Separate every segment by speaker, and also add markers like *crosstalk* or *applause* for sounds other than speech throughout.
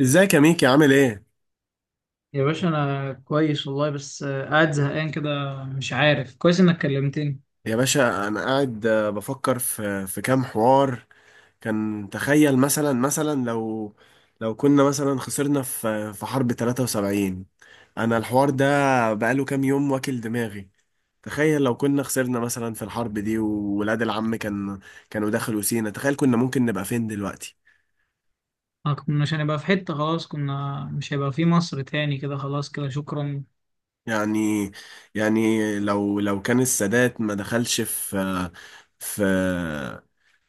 Speaker 1: ازيك يا ميكي عامل ايه؟
Speaker 2: يا باشا انا كويس والله، بس قاعد زهقان كده. مش عارف كويس انك كلمتني.
Speaker 1: يا باشا انا قاعد بفكر في كام حوار. كان تخيل مثلا لو كنا مثلا خسرنا في حرب 73. انا الحوار ده بقاله كام يوم واكل دماغي. تخيل لو كنا خسرنا مثلا في الحرب دي، وولاد العم كانوا دخلوا سينا. تخيل كنا ممكن نبقى فين دلوقتي؟
Speaker 2: انا كنا مش هنبقى في حتة، خلاص كنا مش هيبقى في مصر تاني كده، خلاص كده شكرا.
Speaker 1: يعني يعني لو كان السادات ما دخلش في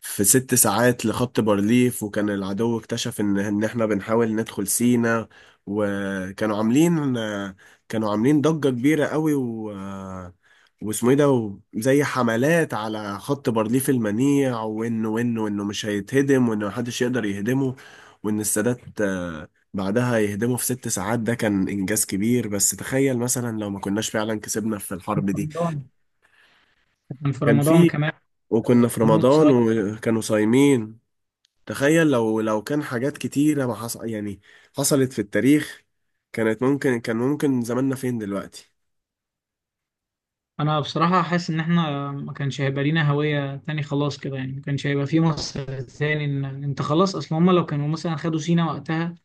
Speaker 1: في ست ساعات لخط بارليف، وكان العدو اكتشف ان احنا بنحاول ندخل سينا. وكانوا عاملين كانوا عاملين ضجة كبيرة قوي، واسمه ايه ده، زي حملات على خط بارليف المنيع، وانه مش هيتهدم، وانه محدش يقدر يهدمه. وان السادات بعدها يهدموا في ست ساعات، ده كان إنجاز كبير. بس تخيل مثلا لو ما كناش فعلا كسبنا في
Speaker 2: كان
Speaker 1: الحرب
Speaker 2: في
Speaker 1: دي.
Speaker 2: رمضان، كان في
Speaker 1: كان
Speaker 2: رمضان
Speaker 1: في
Speaker 2: كمان.
Speaker 1: وكنا في
Speaker 2: جنوب
Speaker 1: رمضان
Speaker 2: صعيد.
Speaker 1: وكانوا صايمين. تخيل لو كان حاجات كتيرة ما حص... يعني حصلت في التاريخ. كان ممكن زماننا فين دلوقتي؟
Speaker 2: انا بصراحة حاسس ان احنا ما كانش هيبقى لينا هوية تاني، خلاص كده يعني ما كانش هيبقى في مصر تاني. انت خلاص اصلا هما لو كانوا مثلا خدوا سينا وقتها،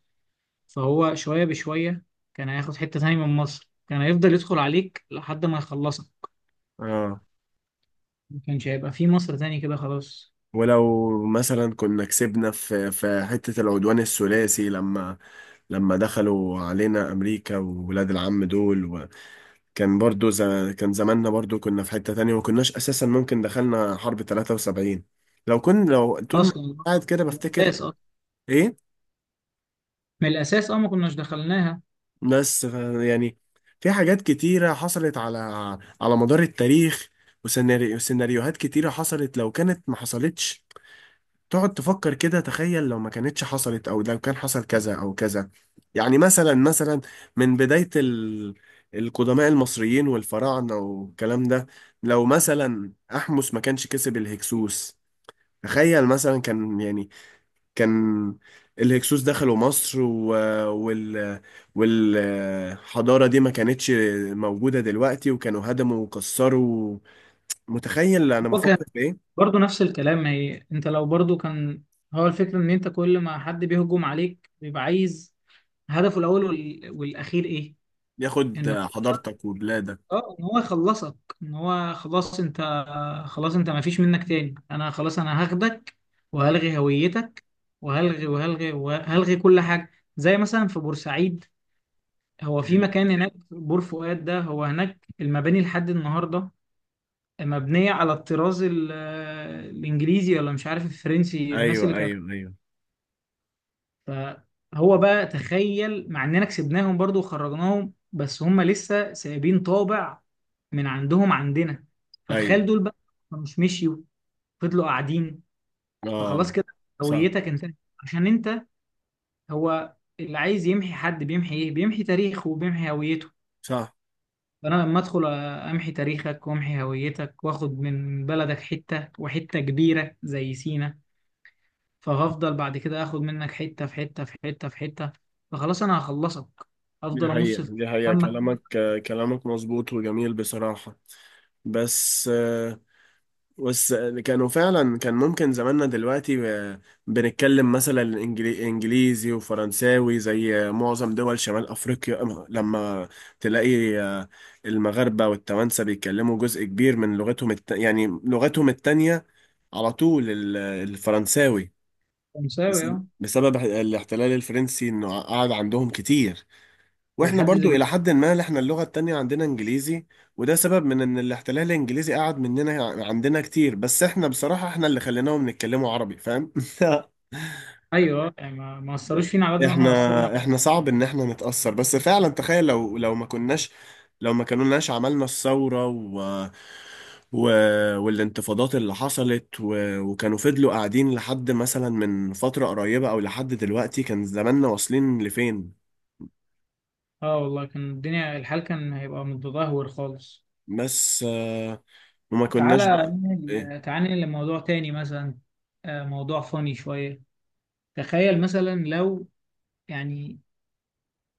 Speaker 2: فهو شوية بشوية كان هياخد حتة تاني من مصر، كان هيفضل يدخل عليك لحد ما يخلصك.
Speaker 1: اه.
Speaker 2: ما كانش هيبقى في مصر تاني كده خلاص.
Speaker 1: ولو مثلا كنا كسبنا في حتة العدوان الثلاثي، لما دخلوا علينا أمريكا وولاد العم دول. كان برضو ز... كان زماننا برضو كنا في حتة تانية، وكناش أساسا ممكن دخلنا حرب 73. لو طول ما
Speaker 2: اصلا
Speaker 1: قاعد كده
Speaker 2: من
Speaker 1: بفتكر.
Speaker 2: الاساس، اصلا
Speaker 1: إيه.
Speaker 2: من الاساس اه ما كناش دخلناها.
Speaker 1: بس ف- يعني في حاجات كتيرة حصلت على مدار التاريخ، وسيناريوهات كتيرة حصلت لو كانت ما حصلتش. تقعد تفكر كده، تخيل لو ما كانتش حصلت، او لو كان حصل كذا او كذا. يعني مثلا من القدماء المصريين والفراعنة والكلام ده. لو مثلا أحمس ما كانش كسب الهكسوس. تخيل مثلا كان يعني كان الهكسوس دخلوا مصر و... وال والحضارة دي ما كانتش موجودة دلوقتي، وكانوا هدموا وكسروا. متخيل أنا
Speaker 2: هو كان
Speaker 1: بفكر في إيه؟
Speaker 2: برضه نفس الكلام، ما هي انت لو برضه كان. هو الفكره ان انت كل ما حد بيهجم عليك بيبقى عايز هدفه الاول والاخير ايه؟
Speaker 1: ياخد
Speaker 2: انه
Speaker 1: حضارتك وبلادك.
Speaker 2: اه ان هو يخلصك، ان هو خلاص انت، خلاص انت ما فيش منك تاني، انا خلاص انا هاخدك وهلغي هويتك، وهلغي وهلغي وهلغي كل حاجه. زي مثلا في بورسعيد، هو في مكان هناك بور فؤاد ده، هو هناك المباني لحد النهارده مبنية على الطراز الإنجليزي، ولا مش عارف الفرنسي، الناس
Speaker 1: ايوه،
Speaker 2: اللي كانت.
Speaker 1: ايوه، ايوه،
Speaker 2: فهو بقى تخيل، مع إننا كسبناهم برضو وخرجناهم، بس هم لسه سايبين طابع من عندهم عندنا.
Speaker 1: ايوه.
Speaker 2: فتخيل دول بقى مش مشيوا، فضلوا قاعدين،
Speaker 1: اه.
Speaker 2: فخلاص كده
Speaker 1: صح،
Speaker 2: هويتك انتهت. عشان انت، هو اللي عايز يمحي حد بيمحي ايه؟ بيمحي تاريخه وبيمحي هويته.
Speaker 1: صح.
Speaker 2: فانا لما ادخل امحي تاريخك وامحي هويتك، واخد من بلدك حته، وحته كبيره زي سينا، فهفضل بعد كده اخد منك حته في حته في حته في حته، فخلاص انا هخلصك،
Speaker 1: دي
Speaker 2: افضل
Speaker 1: حقيقة،
Speaker 2: امص في
Speaker 1: دي حقيقة.
Speaker 2: فمك.
Speaker 1: كلامك، كلامك مظبوط وجميل بصراحة. بس بس كانوا فعلا كان ممكن زماننا دلوقتي بنتكلم مثلا انجليزي وفرنساوي، زي معظم دول شمال افريقيا. لما تلاقي المغاربة والتوانسة بيتكلموا جزء كبير من يعني لغتهم التانية على طول الفرنساوي،
Speaker 2: مساوي اه.
Speaker 1: بسبب الاحتلال الفرنسي، انه قعد عندهم كتير. واحنا
Speaker 2: ولحد
Speaker 1: برضو الى
Speaker 2: دلوقتي
Speaker 1: حد ما احنا اللغة التانية عندنا انجليزي، وده سبب من ان الاحتلال الانجليزي قعد مننا عندنا كتير. بس احنا بصراحة احنا اللي خليناهم نتكلموا عربي، فاهم؟ *laughs*
Speaker 2: ايوه، يعني ما اثروش فينا على قد ما احنا اثرنا.
Speaker 1: احنا احنا صعب ان احنا نتأثر. بس فعلا تخيل لو ما كناش عملنا الثورة و... والانتفاضات اللي حصلت، وكانوا فضلوا قاعدين لحد مثلا من فترة قريبة او لحد دلوقتي. كان زماننا واصلين لفين؟
Speaker 2: اه والله كان الدنيا الحال كان هيبقى متدهور خالص.
Speaker 1: بس وما كناش بقى. ايه.
Speaker 2: تعالى ننقل لموضوع تاني مثلا، موضوع فاني شويه. تخيل مثلا لو يعني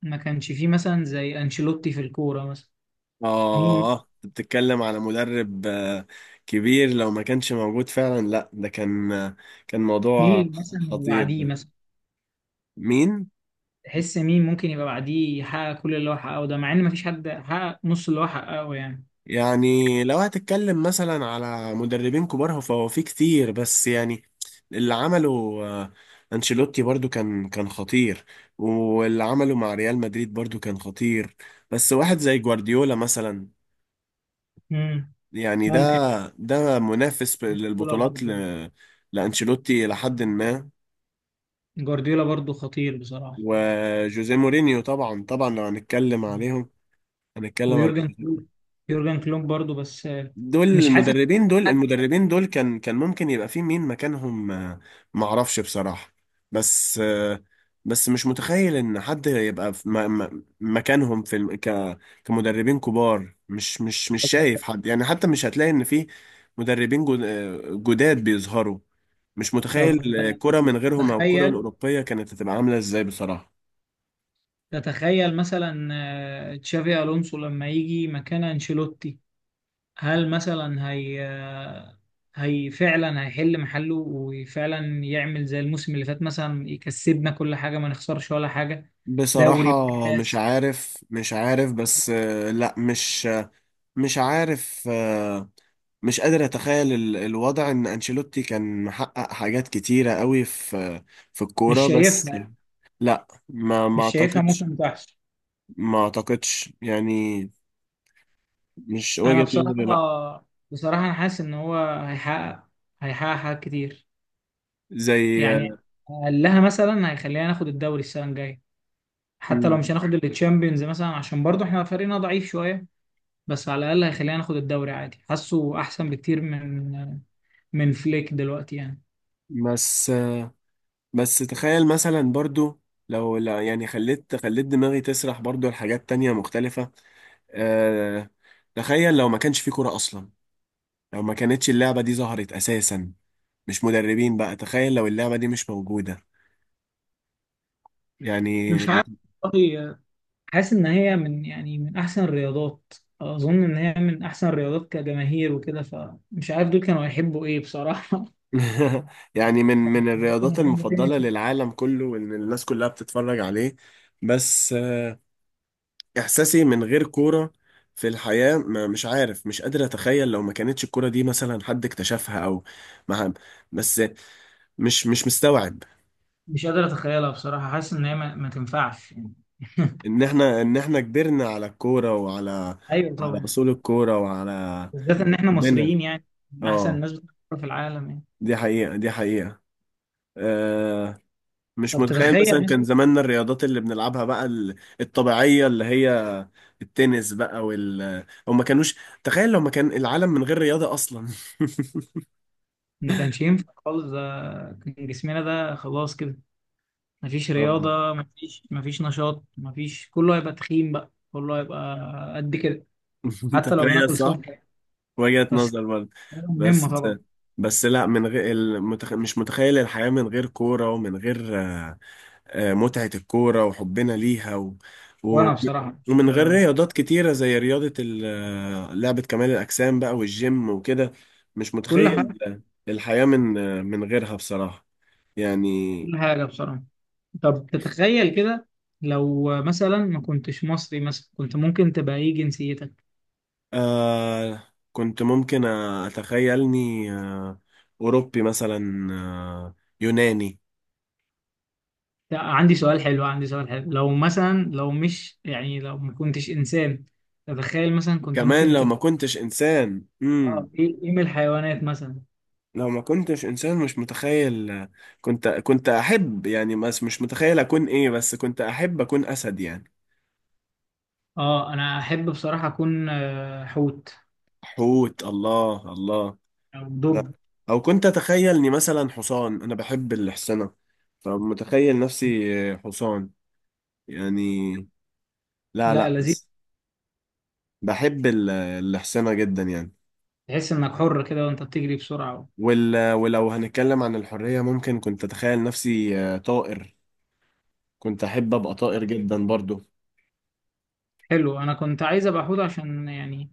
Speaker 2: ما كانش فيه مثلا زي انشيلوتي في الكوره مثلا. مين؟
Speaker 1: اه. أنت بتتكلم على مدرب كبير، لو ما كانش موجود فعلا؟ لا، ده كان موضوع
Speaker 2: مين مثلا اللي
Speaker 1: خطير
Speaker 2: بعديه
Speaker 1: ده.
Speaker 2: مثلا؟
Speaker 1: مين؟
Speaker 2: تحس مين ممكن يبقى بعديه يحقق كل اللي هو حققه ده، مع ان ما فيش حد حقق نص اللي هو حققه يعني.
Speaker 1: يعني لو هتتكلم مثلا على مدربين كبار، فهو في كتير. بس يعني اللي عمله آه، أنشيلوتي برضو كان خطير. واللي عمله مع ريال مدريد برضو كان خطير. بس واحد زي جوارديولا مثلا،
Speaker 2: امم
Speaker 1: يعني ده
Speaker 2: ممكن.
Speaker 1: ده منافس
Speaker 2: جوارديولا
Speaker 1: للبطولات
Speaker 2: برضه،
Speaker 1: لأنشيلوتي لحد ما.
Speaker 2: جوارديولا برضه خطير بصراحه.
Speaker 1: وجوزيه مورينيو طبعا، طبعا لو هنتكلم على
Speaker 2: ويورجن كلوب، يورجن كلوب برضه، بس
Speaker 1: دول.
Speaker 2: مش حاسس حد.
Speaker 1: المدربين دول كان ممكن يبقى في مين مكانهم؟ معرفش بصراحة. بس آه، بس مش متخيل ان حد يبقى في مكانهم، في كمدربين كبار. مش شايف حد، يعني حتى مش هتلاقي ان في مدربين جداد بيظهروا. مش
Speaker 2: طب
Speaker 1: متخيل الكرة من غيرهم، او الكرة
Speaker 2: تتخيل،
Speaker 1: الأوروبية كانت هتبقى عاملة ازاي بصراحة.
Speaker 2: تتخيل مثلا تشافي الونسو لما يجي مكان انشيلوتي، هل مثلا هي، هي فعلا هيحل محله وفعلا يعمل زي الموسم اللي فات مثلا، يكسبنا كل حاجة ما نخسرش ولا حاجة،
Speaker 1: بصراحة
Speaker 2: دوري وكاس؟
Speaker 1: مش عارف. بس آه، لا، مش عارف. مش قادر اتخيل الوضع، ان انشيلوتي كان محقق حاجات كتيرة قوي في
Speaker 2: مش
Speaker 1: الكورة. بس
Speaker 2: شايفها،
Speaker 1: لا، ما
Speaker 2: مش شايفها
Speaker 1: اعتقدش.
Speaker 2: ممكن تحصل.
Speaker 1: ما اعتقدش، يعني مش
Speaker 2: انا
Speaker 1: وجهة نظري. لا.
Speaker 2: بصراحة، بصراحة انا حاسس ان هو هيحقق، هيحقق حاجات كتير
Speaker 1: زي.
Speaker 2: يعني. قال لها مثلا هيخلينا ناخد الدوري السنة الجاية، حتى لو
Speaker 1: مم.
Speaker 2: مش هناخد التشامبيونز مثلا عشان برضو احنا فريقنا ضعيف شوية، بس على الأقل هيخلينا ناخد الدوري عادي. حاسه أحسن بكتير من من فليك دلوقتي يعني.
Speaker 1: بس بس تخيل مثلا برضو، لو، لا يعني خليت دماغي تسرح برضو لحاجات تانية مختلفة. أه. تخيل لو ما كانش في كورة اصلا، لو ما كانتش اللعبة دي ظهرت اساسا. مش مدربين بقى، تخيل لو اللعبة دي مش موجودة. يعني.
Speaker 2: مش عارف والله، حاسس ان هي من يعني من احسن الرياضات. اظن ان هي من احسن الرياضات كجماهير وكده، فمش عارف دول كانوا هيحبوا ايه بصراحه. *laughs*
Speaker 1: *laughs* يعني من
Speaker 2: ممكن
Speaker 1: الرياضات
Speaker 2: يحبوا
Speaker 1: المفضلة
Speaker 2: تنس مثلاً.
Speaker 1: للعالم كله، وإن الناس كلها بتتفرج عليه. بس إحساسي من غير كورة في الحياة، ما، مش عارف. مش قادر أتخيل لو ما كانتش الكورة دي مثلا حد اكتشفها، أو ما. بس مش مستوعب
Speaker 2: مش قادر اتخيلها بصراحه، حاسس ان هي ما تنفعش يعني. *laughs*
Speaker 1: إن إحنا، إن إحنا كبرنا على الكورة، وعلى
Speaker 2: ايوه
Speaker 1: وعلى
Speaker 2: طبعا،
Speaker 1: أصول الكورة وعلى
Speaker 2: بالذات ان احنا
Speaker 1: ربنا.
Speaker 2: مصريين يعني، من احسن
Speaker 1: آه،
Speaker 2: الناس بتلعب في العالم يعني.
Speaker 1: دي حقيقة، دي حقيقة. آه، مش
Speaker 2: طب
Speaker 1: متخيل
Speaker 2: تتخيل
Speaker 1: مثلا
Speaker 2: مثلا،
Speaker 1: كان زماننا الرياضات اللي بنلعبها بقى الطبيعية، اللي هي التنس بقى، وال، او ما كانوش. تخيل لو ما كان العالم من غير رياضة اصلا. *laughs*
Speaker 2: ما كانش ينفع خالص ده. كان جسمنا ده خلاص كده، مفيش
Speaker 1: آه.
Speaker 2: رياضة، مفيش نشاط، مفيش، كله هيبقى تخين بقى، كله هيبقى قد كده.
Speaker 1: *laughs*
Speaker 2: حتى لو
Speaker 1: تخيل،
Speaker 2: بناكل
Speaker 1: صح.
Speaker 2: صحي،
Speaker 1: وجهة
Speaker 2: بس
Speaker 1: نظر برضه.
Speaker 2: الحاجة مهمة
Speaker 1: بس
Speaker 2: طبعا.
Speaker 1: بس لا، من غير مش متخيل الحياة من غير كورة، ومن غير متعة الكورة وحبنا ليها و...
Speaker 2: وأنا بصراحة مش
Speaker 1: ومن غير
Speaker 2: مش
Speaker 1: رياضات كتيرة، زي رياضة ال... آه، لعبة كمال الأجسام بقى والجيم وكده. مش
Speaker 2: كل
Speaker 1: متخيل
Speaker 2: حاجة،
Speaker 1: الحياة من غيرها بصراحة، يعني.
Speaker 2: كل حاجة بصراحة. طب تتخيل كده، لو مثلا ما كنتش مصري مثلا، كنت ممكن تبقى ايه جنسيتك؟
Speaker 1: آه، كنت ممكن أتخيلني آه أوروبي مثلا، آه يوناني.
Speaker 2: لا، عندي سؤال حلو، عندي سؤال حلو. لو مثلا، لو مش يعني لو ما كنتش إنسان، تتخيل مثلا كنت
Speaker 1: كمان
Speaker 2: ممكن
Speaker 1: لو ما
Speaker 2: تبقى
Speaker 1: كنتش إنسان.
Speaker 2: اه ايه، ايه من الحيوانات مثلا؟
Speaker 1: لو ما كنتش انسان مش متخيل. كنت احب، يعني بس مش متخيل اكون ايه، بس كنت احب اكون اسد يعني.
Speaker 2: اه انا احب بصراحة اكون حوت،
Speaker 1: حوت، الله، الله.
Speaker 2: أو
Speaker 1: لا.
Speaker 2: دب.
Speaker 1: او كنت اتخيلني مثلا حصان، انا بحب الحصنة، فمتخيل نفسي حصان يعني. لا
Speaker 2: لا
Speaker 1: لا،
Speaker 2: لذيذ،
Speaker 1: بس بحب الحصنة جدا يعني.
Speaker 2: تحس إنك حر كده وأنت بتجري بسرعة.
Speaker 1: وال، ولو هنتكلم عن الحرية، ممكن كنت اتخيل نفسي طائر. كنت احب ابقى طائر جدا برضو.
Speaker 2: حلو، أنا كنت عايز أبقى حوت عشان يعني،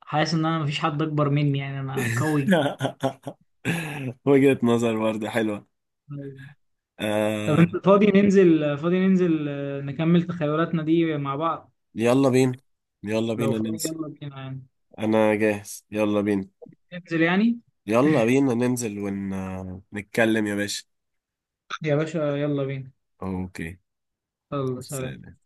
Speaker 2: حاسس إن أنا مفيش حد أكبر مني، يعني أنا قوي
Speaker 1: *laughs* وجهة نظر برضه حلوة.
Speaker 2: جداً. طب
Speaker 1: آه.
Speaker 2: أنت فاضي ننزل، فاضي ننزل نكمل تخيلاتنا دي مع بعض؟
Speaker 1: يلا بينا، يلا
Speaker 2: لو
Speaker 1: بينا
Speaker 2: فاضي
Speaker 1: ننزل.
Speaker 2: يلا بينا يعني،
Speaker 1: أنا جاهز، يلا بينا.
Speaker 2: ننزل يعني.
Speaker 1: يلا بينا ننزل ونتكلم يا باشا.
Speaker 2: يا باشا يلا بينا،
Speaker 1: أوكي.
Speaker 2: يلا سلام.
Speaker 1: سلام.